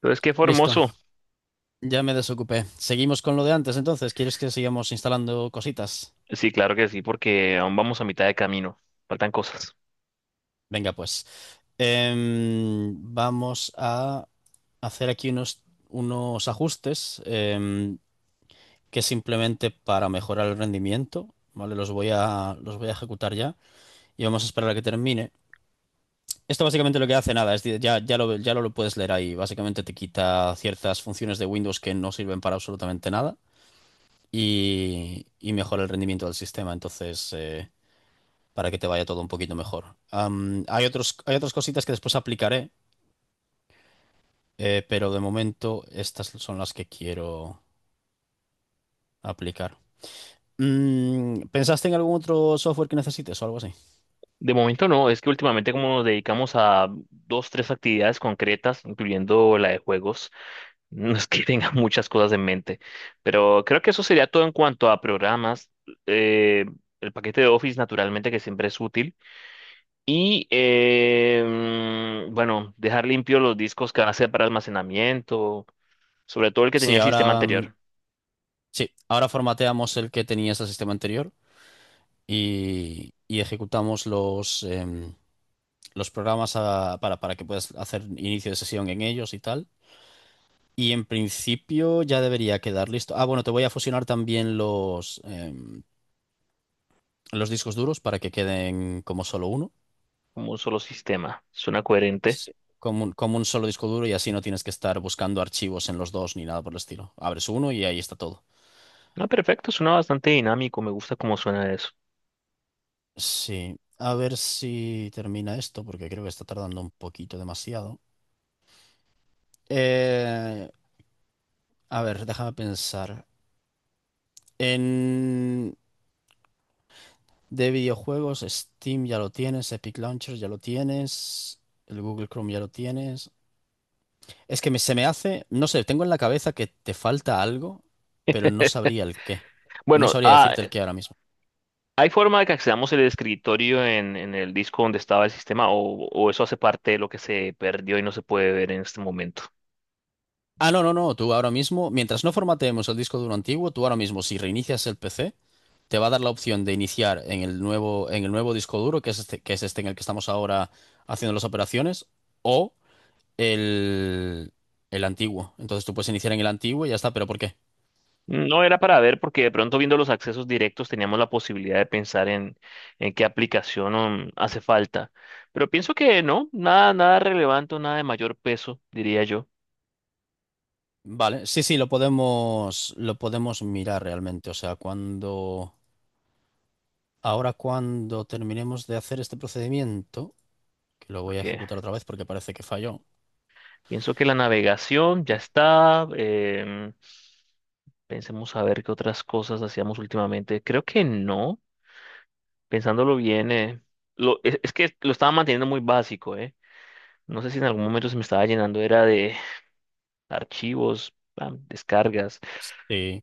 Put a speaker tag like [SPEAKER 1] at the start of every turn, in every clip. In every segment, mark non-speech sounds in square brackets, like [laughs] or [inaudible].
[SPEAKER 1] Entonces, qué
[SPEAKER 2] Listo,
[SPEAKER 1] formoso.
[SPEAKER 2] ya me desocupé. Seguimos con lo de antes, entonces. ¿Quieres que sigamos instalando cositas?
[SPEAKER 1] Sí, claro que sí, porque aún vamos a mitad de camino. Faltan cosas.
[SPEAKER 2] Venga, pues. Vamos a hacer aquí unos ajustes, que simplemente para mejorar el rendimiento, ¿vale? Los voy a ejecutar ya y vamos a esperar a que termine. Esto básicamente lo que hace nada, es, decir, ya lo puedes leer ahí. Básicamente te quita ciertas funciones de Windows que no sirven para absolutamente nada y mejora el rendimiento del sistema. Entonces, para que te vaya todo un poquito mejor. Hay otras cositas que después aplicaré, pero de momento estas son las que quiero aplicar. Mm, ¿pensaste en algún otro software que necesites o algo así?
[SPEAKER 1] De momento no, es que últimamente como nos dedicamos a dos, tres actividades concretas, incluyendo la de juegos, [laughs] no es que [laughs] tenga muchas cosas en mente. Pero creo que eso sería todo en cuanto a programas. eh, el paquete de Office, naturalmente, que siempre es útil. Y, eh, bueno, dejar limpios los discos que van a ser para almacenamiento, sobre todo el que
[SPEAKER 2] Sí,
[SPEAKER 1] tenía el sistema
[SPEAKER 2] ahora, mm,
[SPEAKER 1] anterior,
[SPEAKER 2] sí, ahora formateamos el que tenías el sistema anterior y ejecutamos los programas para que puedas hacer inicio de sesión en ellos y tal. Y en principio ya debería quedar listo. Ah, bueno, te voy a fusionar también los discos duros para que queden como solo uno.
[SPEAKER 1] como un solo sistema. Suena coherente.
[SPEAKER 2] Sí, como como un solo disco duro y así no tienes que estar buscando archivos en los dos ni nada por el estilo. Abres uno y ahí está todo.
[SPEAKER 1] Ah, perfecto, suena bastante dinámico, me gusta cómo suena eso.
[SPEAKER 2] Sí, a ver si termina esto porque creo que está tardando un poquito demasiado. Eh, a ver, déjame pensar. En de videojuegos, Steam ya lo tienes, Epic Launcher ya lo tienes, el Google Chrome ya lo tienes. Es que se me hace, no sé, tengo en la cabeza que te falta algo, pero no
[SPEAKER 1] [laughs]
[SPEAKER 2] sabría el qué. No
[SPEAKER 1] Bueno,
[SPEAKER 2] sabría
[SPEAKER 1] ah,
[SPEAKER 2] decirte el qué ahora mismo.
[SPEAKER 1] ¿hay forma de que accedamos el escritorio en el disco donde estaba el sistema o eso hace parte de lo que se perdió y no se puede ver en este momento?
[SPEAKER 2] Ah, no, no, no, tú ahora mismo, mientras no formateemos el disco duro antiguo, tú ahora mismo, si reinicias el PC, te va a dar la opción de iniciar en el nuevo disco duro, que es este en el que estamos ahora haciendo las operaciones, o el, el antiguo. Entonces tú puedes iniciar en el antiguo y ya está, pero ¿por qué?
[SPEAKER 1] No era para ver porque de pronto viendo los accesos directos teníamos la posibilidad de pensar en qué aplicación hace falta. Pero pienso que no, nada, nada relevante, nada de mayor peso, diría yo,
[SPEAKER 2] Vale, sí, sí, lo podemos mirar realmente. O sea, cuando... Ahora cuando terminemos de hacer este procedimiento, que lo voy a
[SPEAKER 1] porque
[SPEAKER 2] ejecutar otra vez porque parece que falló.
[SPEAKER 1] pienso que la navegación ya está. Pensemos a ver qué otras cosas hacíamos últimamente. Creo que no, pensándolo bien, es que lo estaba manteniendo muy básico, ¿eh? No sé si en algún momento se me estaba llenando, era de archivos, pam, descargas.
[SPEAKER 2] Sí.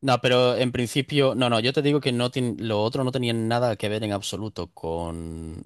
[SPEAKER 2] No, pero en principio, no, no, yo te digo que lo otro no tenía nada que ver en absoluto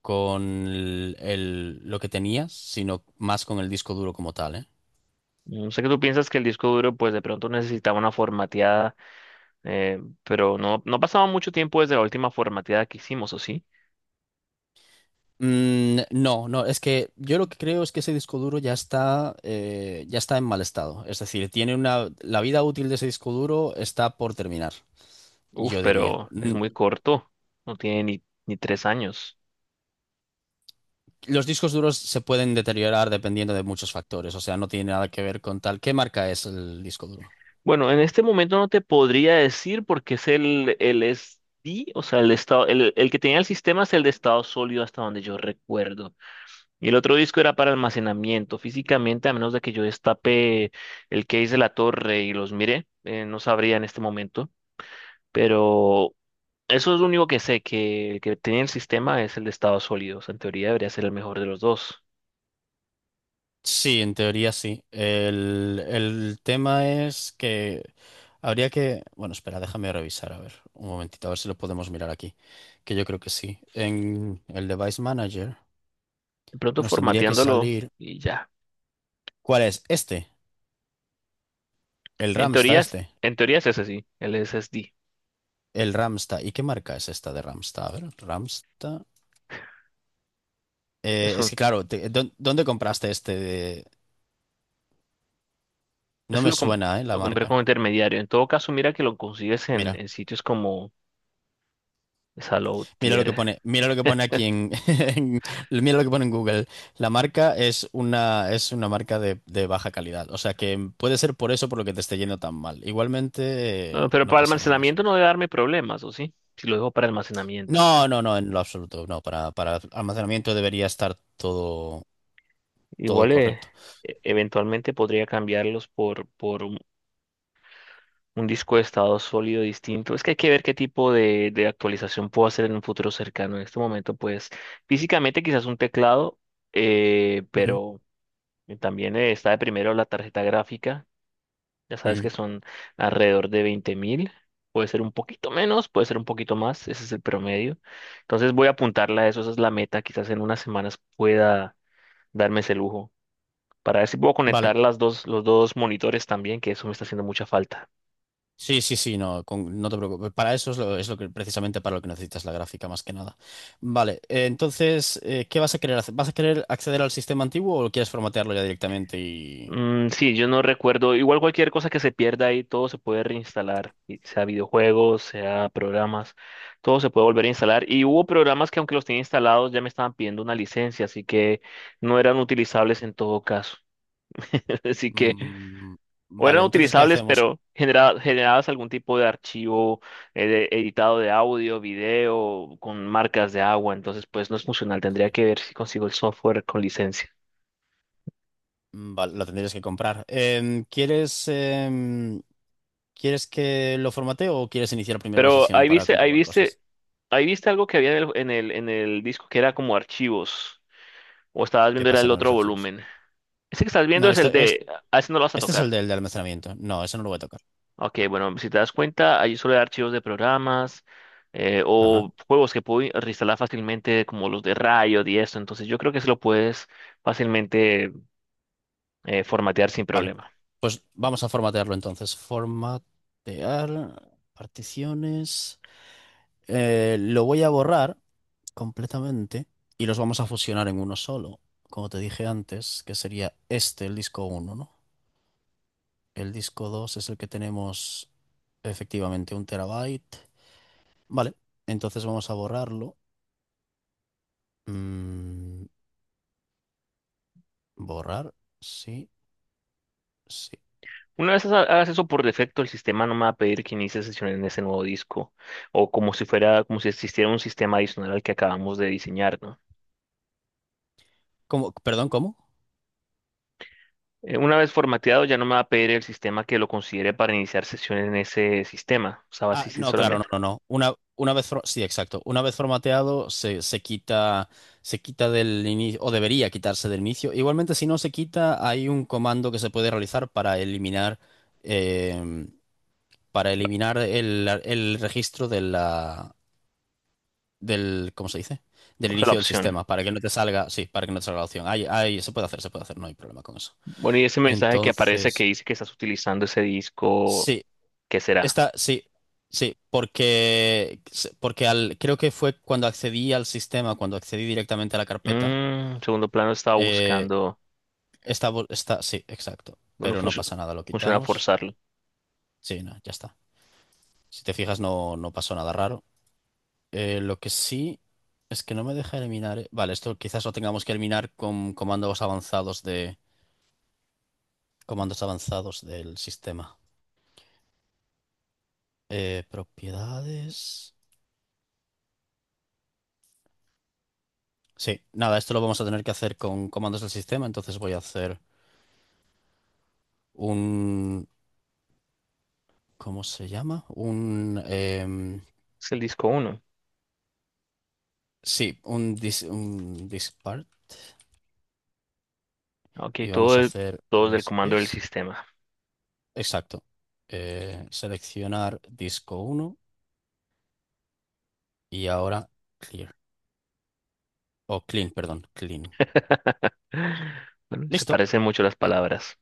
[SPEAKER 2] con lo que tenías, sino más con el disco duro como tal, ¿eh?
[SPEAKER 1] No sé que tú piensas que el disco duro, pues de pronto necesitaba una formateada, pero no, no pasaba mucho tiempo desde la última formateada que hicimos, ¿o sí?
[SPEAKER 2] Mm, no, no, es que yo lo que creo es que ese disco duro ya está en mal estado. Es decir, tiene una, la vida útil de ese disco duro está por terminar,
[SPEAKER 1] Uf,
[SPEAKER 2] yo diría.
[SPEAKER 1] pero es
[SPEAKER 2] Mm,
[SPEAKER 1] muy corto, no tiene ni tres años.
[SPEAKER 2] los discos duros se pueden deteriorar dependiendo de muchos factores, o sea, no tiene nada que ver con tal. ¿Qué marca es el disco duro?
[SPEAKER 1] Bueno, en este momento no te podría decir porque es el SD, o sea, el estado, el que tenía el sistema es el de estado sólido hasta donde yo recuerdo. Y el otro disco era para almacenamiento. Físicamente, a menos de que yo destape el case de la torre y los mire, no sabría en este momento. Pero eso es lo único que sé, que el que tenía el sistema es el de estado sólido. O sea, en teoría debería ser el mejor de los dos.
[SPEAKER 2] Sí, en teoría sí. El tema es que habría que... Bueno, espera, déjame revisar, a ver, un momentito, a ver si lo podemos mirar aquí, que yo creo que sí. En el Device Manager
[SPEAKER 1] De pronto
[SPEAKER 2] nos tendría que
[SPEAKER 1] formateándolo
[SPEAKER 2] salir...
[SPEAKER 1] y ya.
[SPEAKER 2] ¿Cuál es? Este, el
[SPEAKER 1] En
[SPEAKER 2] Ramsta
[SPEAKER 1] teoría, es-
[SPEAKER 2] este.
[SPEAKER 1] en teoría es ese sí, el SSD.
[SPEAKER 2] El Ramsta. ¿Y qué marca es esta de Ramsta? A ver, Ramsta... es que claro, ¿dónde compraste este? No
[SPEAKER 1] Ese
[SPEAKER 2] me
[SPEAKER 1] lo, com-
[SPEAKER 2] suena, ¿eh? La
[SPEAKER 1] lo compré
[SPEAKER 2] marca.
[SPEAKER 1] como intermediario. En todo caso, mira que lo consigues
[SPEAKER 2] Mira,
[SPEAKER 1] en sitios como
[SPEAKER 2] mira lo que
[SPEAKER 1] Salotier.
[SPEAKER 2] pone, mira lo que pone aquí en, [laughs] en- mira lo que pone en Google. La marca es una marca de baja calidad. O sea que puede ser por eso por lo que te esté yendo tan mal. Igualmente,
[SPEAKER 1] No, pero
[SPEAKER 2] no
[SPEAKER 1] para
[SPEAKER 2] pasa nada. O sea,
[SPEAKER 1] almacenamiento no debe darme problemas, ¿o sí? Si lo dejo para almacenamiento.
[SPEAKER 2] no, no, no, en lo absoluto. No, para almacenamiento debería estar todo, todo
[SPEAKER 1] Igual
[SPEAKER 2] correcto.
[SPEAKER 1] e- eventualmente podría cambiarlos por un disco de estado sólido distinto. Es que hay que ver qué tipo de actualización puedo hacer en un futuro cercano. En este momento, pues físicamente quizás un teclado,
[SPEAKER 2] Ujú,
[SPEAKER 1] pero también está de primero la tarjeta gráfica. Ya sabes
[SPEAKER 2] ujú.
[SPEAKER 1] que son alrededor de 20 mil. Puede ser un poquito menos, puede ser un poquito más. Ese es el promedio. Entonces voy a apuntarla a eso. Esa es la meta. Quizás en unas semanas pueda darme ese lujo. Para ver si puedo
[SPEAKER 2] Vale.
[SPEAKER 1] conectar los dos monitores también, que eso me está haciendo mucha falta.
[SPEAKER 2] Sí, sí, sí, no, no te preocupes. Para eso es lo que precisamente para lo que necesitas la gráfica más que nada. Vale, entonces, ¿qué vas a querer hacer? ¿Vas a querer acceder al sistema antiguo o quieres formatearlo ya directamente y...
[SPEAKER 1] Mm, sí, yo no recuerdo. Igual cualquier cosa que se pierda ahí, todo se puede reinstalar. Y sea videojuegos, sea programas, todo se puede volver a instalar. Y hubo programas que aunque los tenía instalados ya me estaban pidiendo una licencia, así que no eran utilizables en todo caso. [laughs] Así que,
[SPEAKER 2] Mm,
[SPEAKER 1] o
[SPEAKER 2] vale,
[SPEAKER 1] eran
[SPEAKER 2] entonces, ¿qué
[SPEAKER 1] utilizables,
[SPEAKER 2] hacemos?
[SPEAKER 1] pero generabas algún tipo de archivo editado de audio, video, con marcas de agua. Entonces, pues no es funcional. Tendría que ver si consigo el software con licencia.
[SPEAKER 2] Mm, vale, lo tendrías que comprar. ¿Quieres que lo formatee o quieres iniciar primero la
[SPEAKER 1] Pero
[SPEAKER 2] sesión
[SPEAKER 1] ahí
[SPEAKER 2] para
[SPEAKER 1] viste, ahí
[SPEAKER 2] comprobar cosas?
[SPEAKER 1] viste, ahí viste algo que había en el disco que era como archivos. O estabas
[SPEAKER 2] ¿Qué
[SPEAKER 1] viendo era
[SPEAKER 2] pasa
[SPEAKER 1] el
[SPEAKER 2] con los
[SPEAKER 1] otro
[SPEAKER 2] archivos?
[SPEAKER 1] volumen. Ese que estás viendo
[SPEAKER 2] No,
[SPEAKER 1] es
[SPEAKER 2] esto
[SPEAKER 1] el
[SPEAKER 2] es,
[SPEAKER 1] D. A ese no lo vas a
[SPEAKER 2] este es el
[SPEAKER 1] tocar.
[SPEAKER 2] del de almacenamiento. No, eso no lo voy a tocar.
[SPEAKER 1] Ok, bueno, si te das cuenta, ahí suele haber archivos de programas
[SPEAKER 2] Ajá.
[SPEAKER 1] o juegos que puedo reinstalar fácilmente, como los de Riot y esto. Entonces, yo creo que se lo puedes fácilmente, formatear sin
[SPEAKER 2] Vale,
[SPEAKER 1] problema.
[SPEAKER 2] pues vamos a formatearlo entonces. Formatear, particiones. Lo voy a borrar completamente y los vamos a fusionar en uno solo. Como te dije antes, que sería este, el disco uno, ¿no? El disco 2 es el que tenemos efectivamente 1 TB. Vale, entonces vamos a borrarlo. Mm, borrar, sí, sí.
[SPEAKER 1] Hagas eso por defecto, el sistema no me va a pedir que inicie sesión en ese nuevo disco o como si fuera, como si existiera un sistema adicional al que acabamos de diseñar, ¿no?
[SPEAKER 2] ¿Cómo? Perdón, ¿cómo?
[SPEAKER 1] Una vez formateado, ya no me va a pedir el sistema que lo considere para iniciar sesión en ese sistema. O sea, va a
[SPEAKER 2] Ah,
[SPEAKER 1] existir
[SPEAKER 2] no, claro, no,
[SPEAKER 1] solamente,
[SPEAKER 2] no, no. Una vez, sí, exacto. Una vez formateado se quita del inicio, o debería quitarse del inicio. Igualmente, si no se quita, hay un comando que se puede realizar eh, para eliminar el registro de la, del, ¿cómo se dice? Del
[SPEAKER 1] o sea, la
[SPEAKER 2] inicio del
[SPEAKER 1] opción.
[SPEAKER 2] sistema, para que no te salga, sí, para que no te salga la opción. Ahí, ahí se puede hacer, no hay problema con eso.
[SPEAKER 1] Bueno, y ese mensaje que aparece que
[SPEAKER 2] Entonces,
[SPEAKER 1] dice que estás utilizando ese disco,
[SPEAKER 2] sí,
[SPEAKER 1] ¿qué será?
[SPEAKER 2] esta, sí, sí, porque, porque al, creo que fue cuando accedí al sistema, cuando accedí directamente a la carpeta,
[SPEAKER 1] Mm, segundo plano estaba
[SPEAKER 2] eh,
[SPEAKER 1] buscando.
[SPEAKER 2] esta, sí, exacto,
[SPEAKER 1] Bueno,
[SPEAKER 2] pero no pasa nada, lo
[SPEAKER 1] funciona
[SPEAKER 2] quitamos.
[SPEAKER 1] forzarlo.
[SPEAKER 2] Sí, no, ya está. Si te fijas, no, no pasó nada raro. Lo que sí es que no me deja eliminar. Vale, esto quizás lo tengamos que eliminar con comandos avanzados de, comandos avanzados del sistema. Propiedades. Sí, nada, esto lo vamos a tener que hacer con comandos del sistema, entonces voy a hacer un, ¿cómo se llama? Un,
[SPEAKER 1] Es el disco uno.
[SPEAKER 2] sí, un, dis, un dispart
[SPEAKER 1] Ok,
[SPEAKER 2] y vamos a hacer
[SPEAKER 1] todo es del
[SPEAKER 2] list
[SPEAKER 1] comando del
[SPEAKER 2] disk.
[SPEAKER 1] sistema.
[SPEAKER 2] Exacto. Seleccionar disco uno y ahora clear. O clean, perdón, clean.
[SPEAKER 1] [laughs] Bueno, se
[SPEAKER 2] Listo.
[SPEAKER 1] parecen mucho las palabras.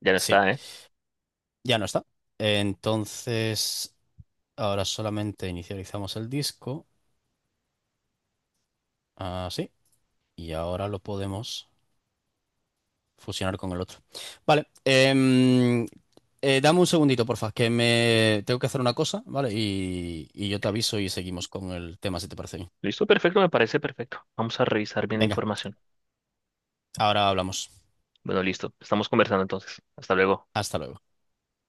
[SPEAKER 1] Ya no
[SPEAKER 2] Sí,
[SPEAKER 1] está, ¿eh?
[SPEAKER 2] ya no está. Entonces, ahora solamente inicializamos el disco. Así. Y ahora lo podemos fusionar con el otro. Vale. Dame un segundito, porfa, que me tengo que hacer una cosa, ¿vale? Y yo te aviso y seguimos con el tema, si te parece bien.
[SPEAKER 1] Listo, perfecto, me parece perfecto. Vamos a revisar bien la
[SPEAKER 2] Venga,
[SPEAKER 1] información.
[SPEAKER 2] ahora hablamos.
[SPEAKER 1] Bueno, listo. Estamos conversando entonces. Hasta luego.
[SPEAKER 2] Hasta luego.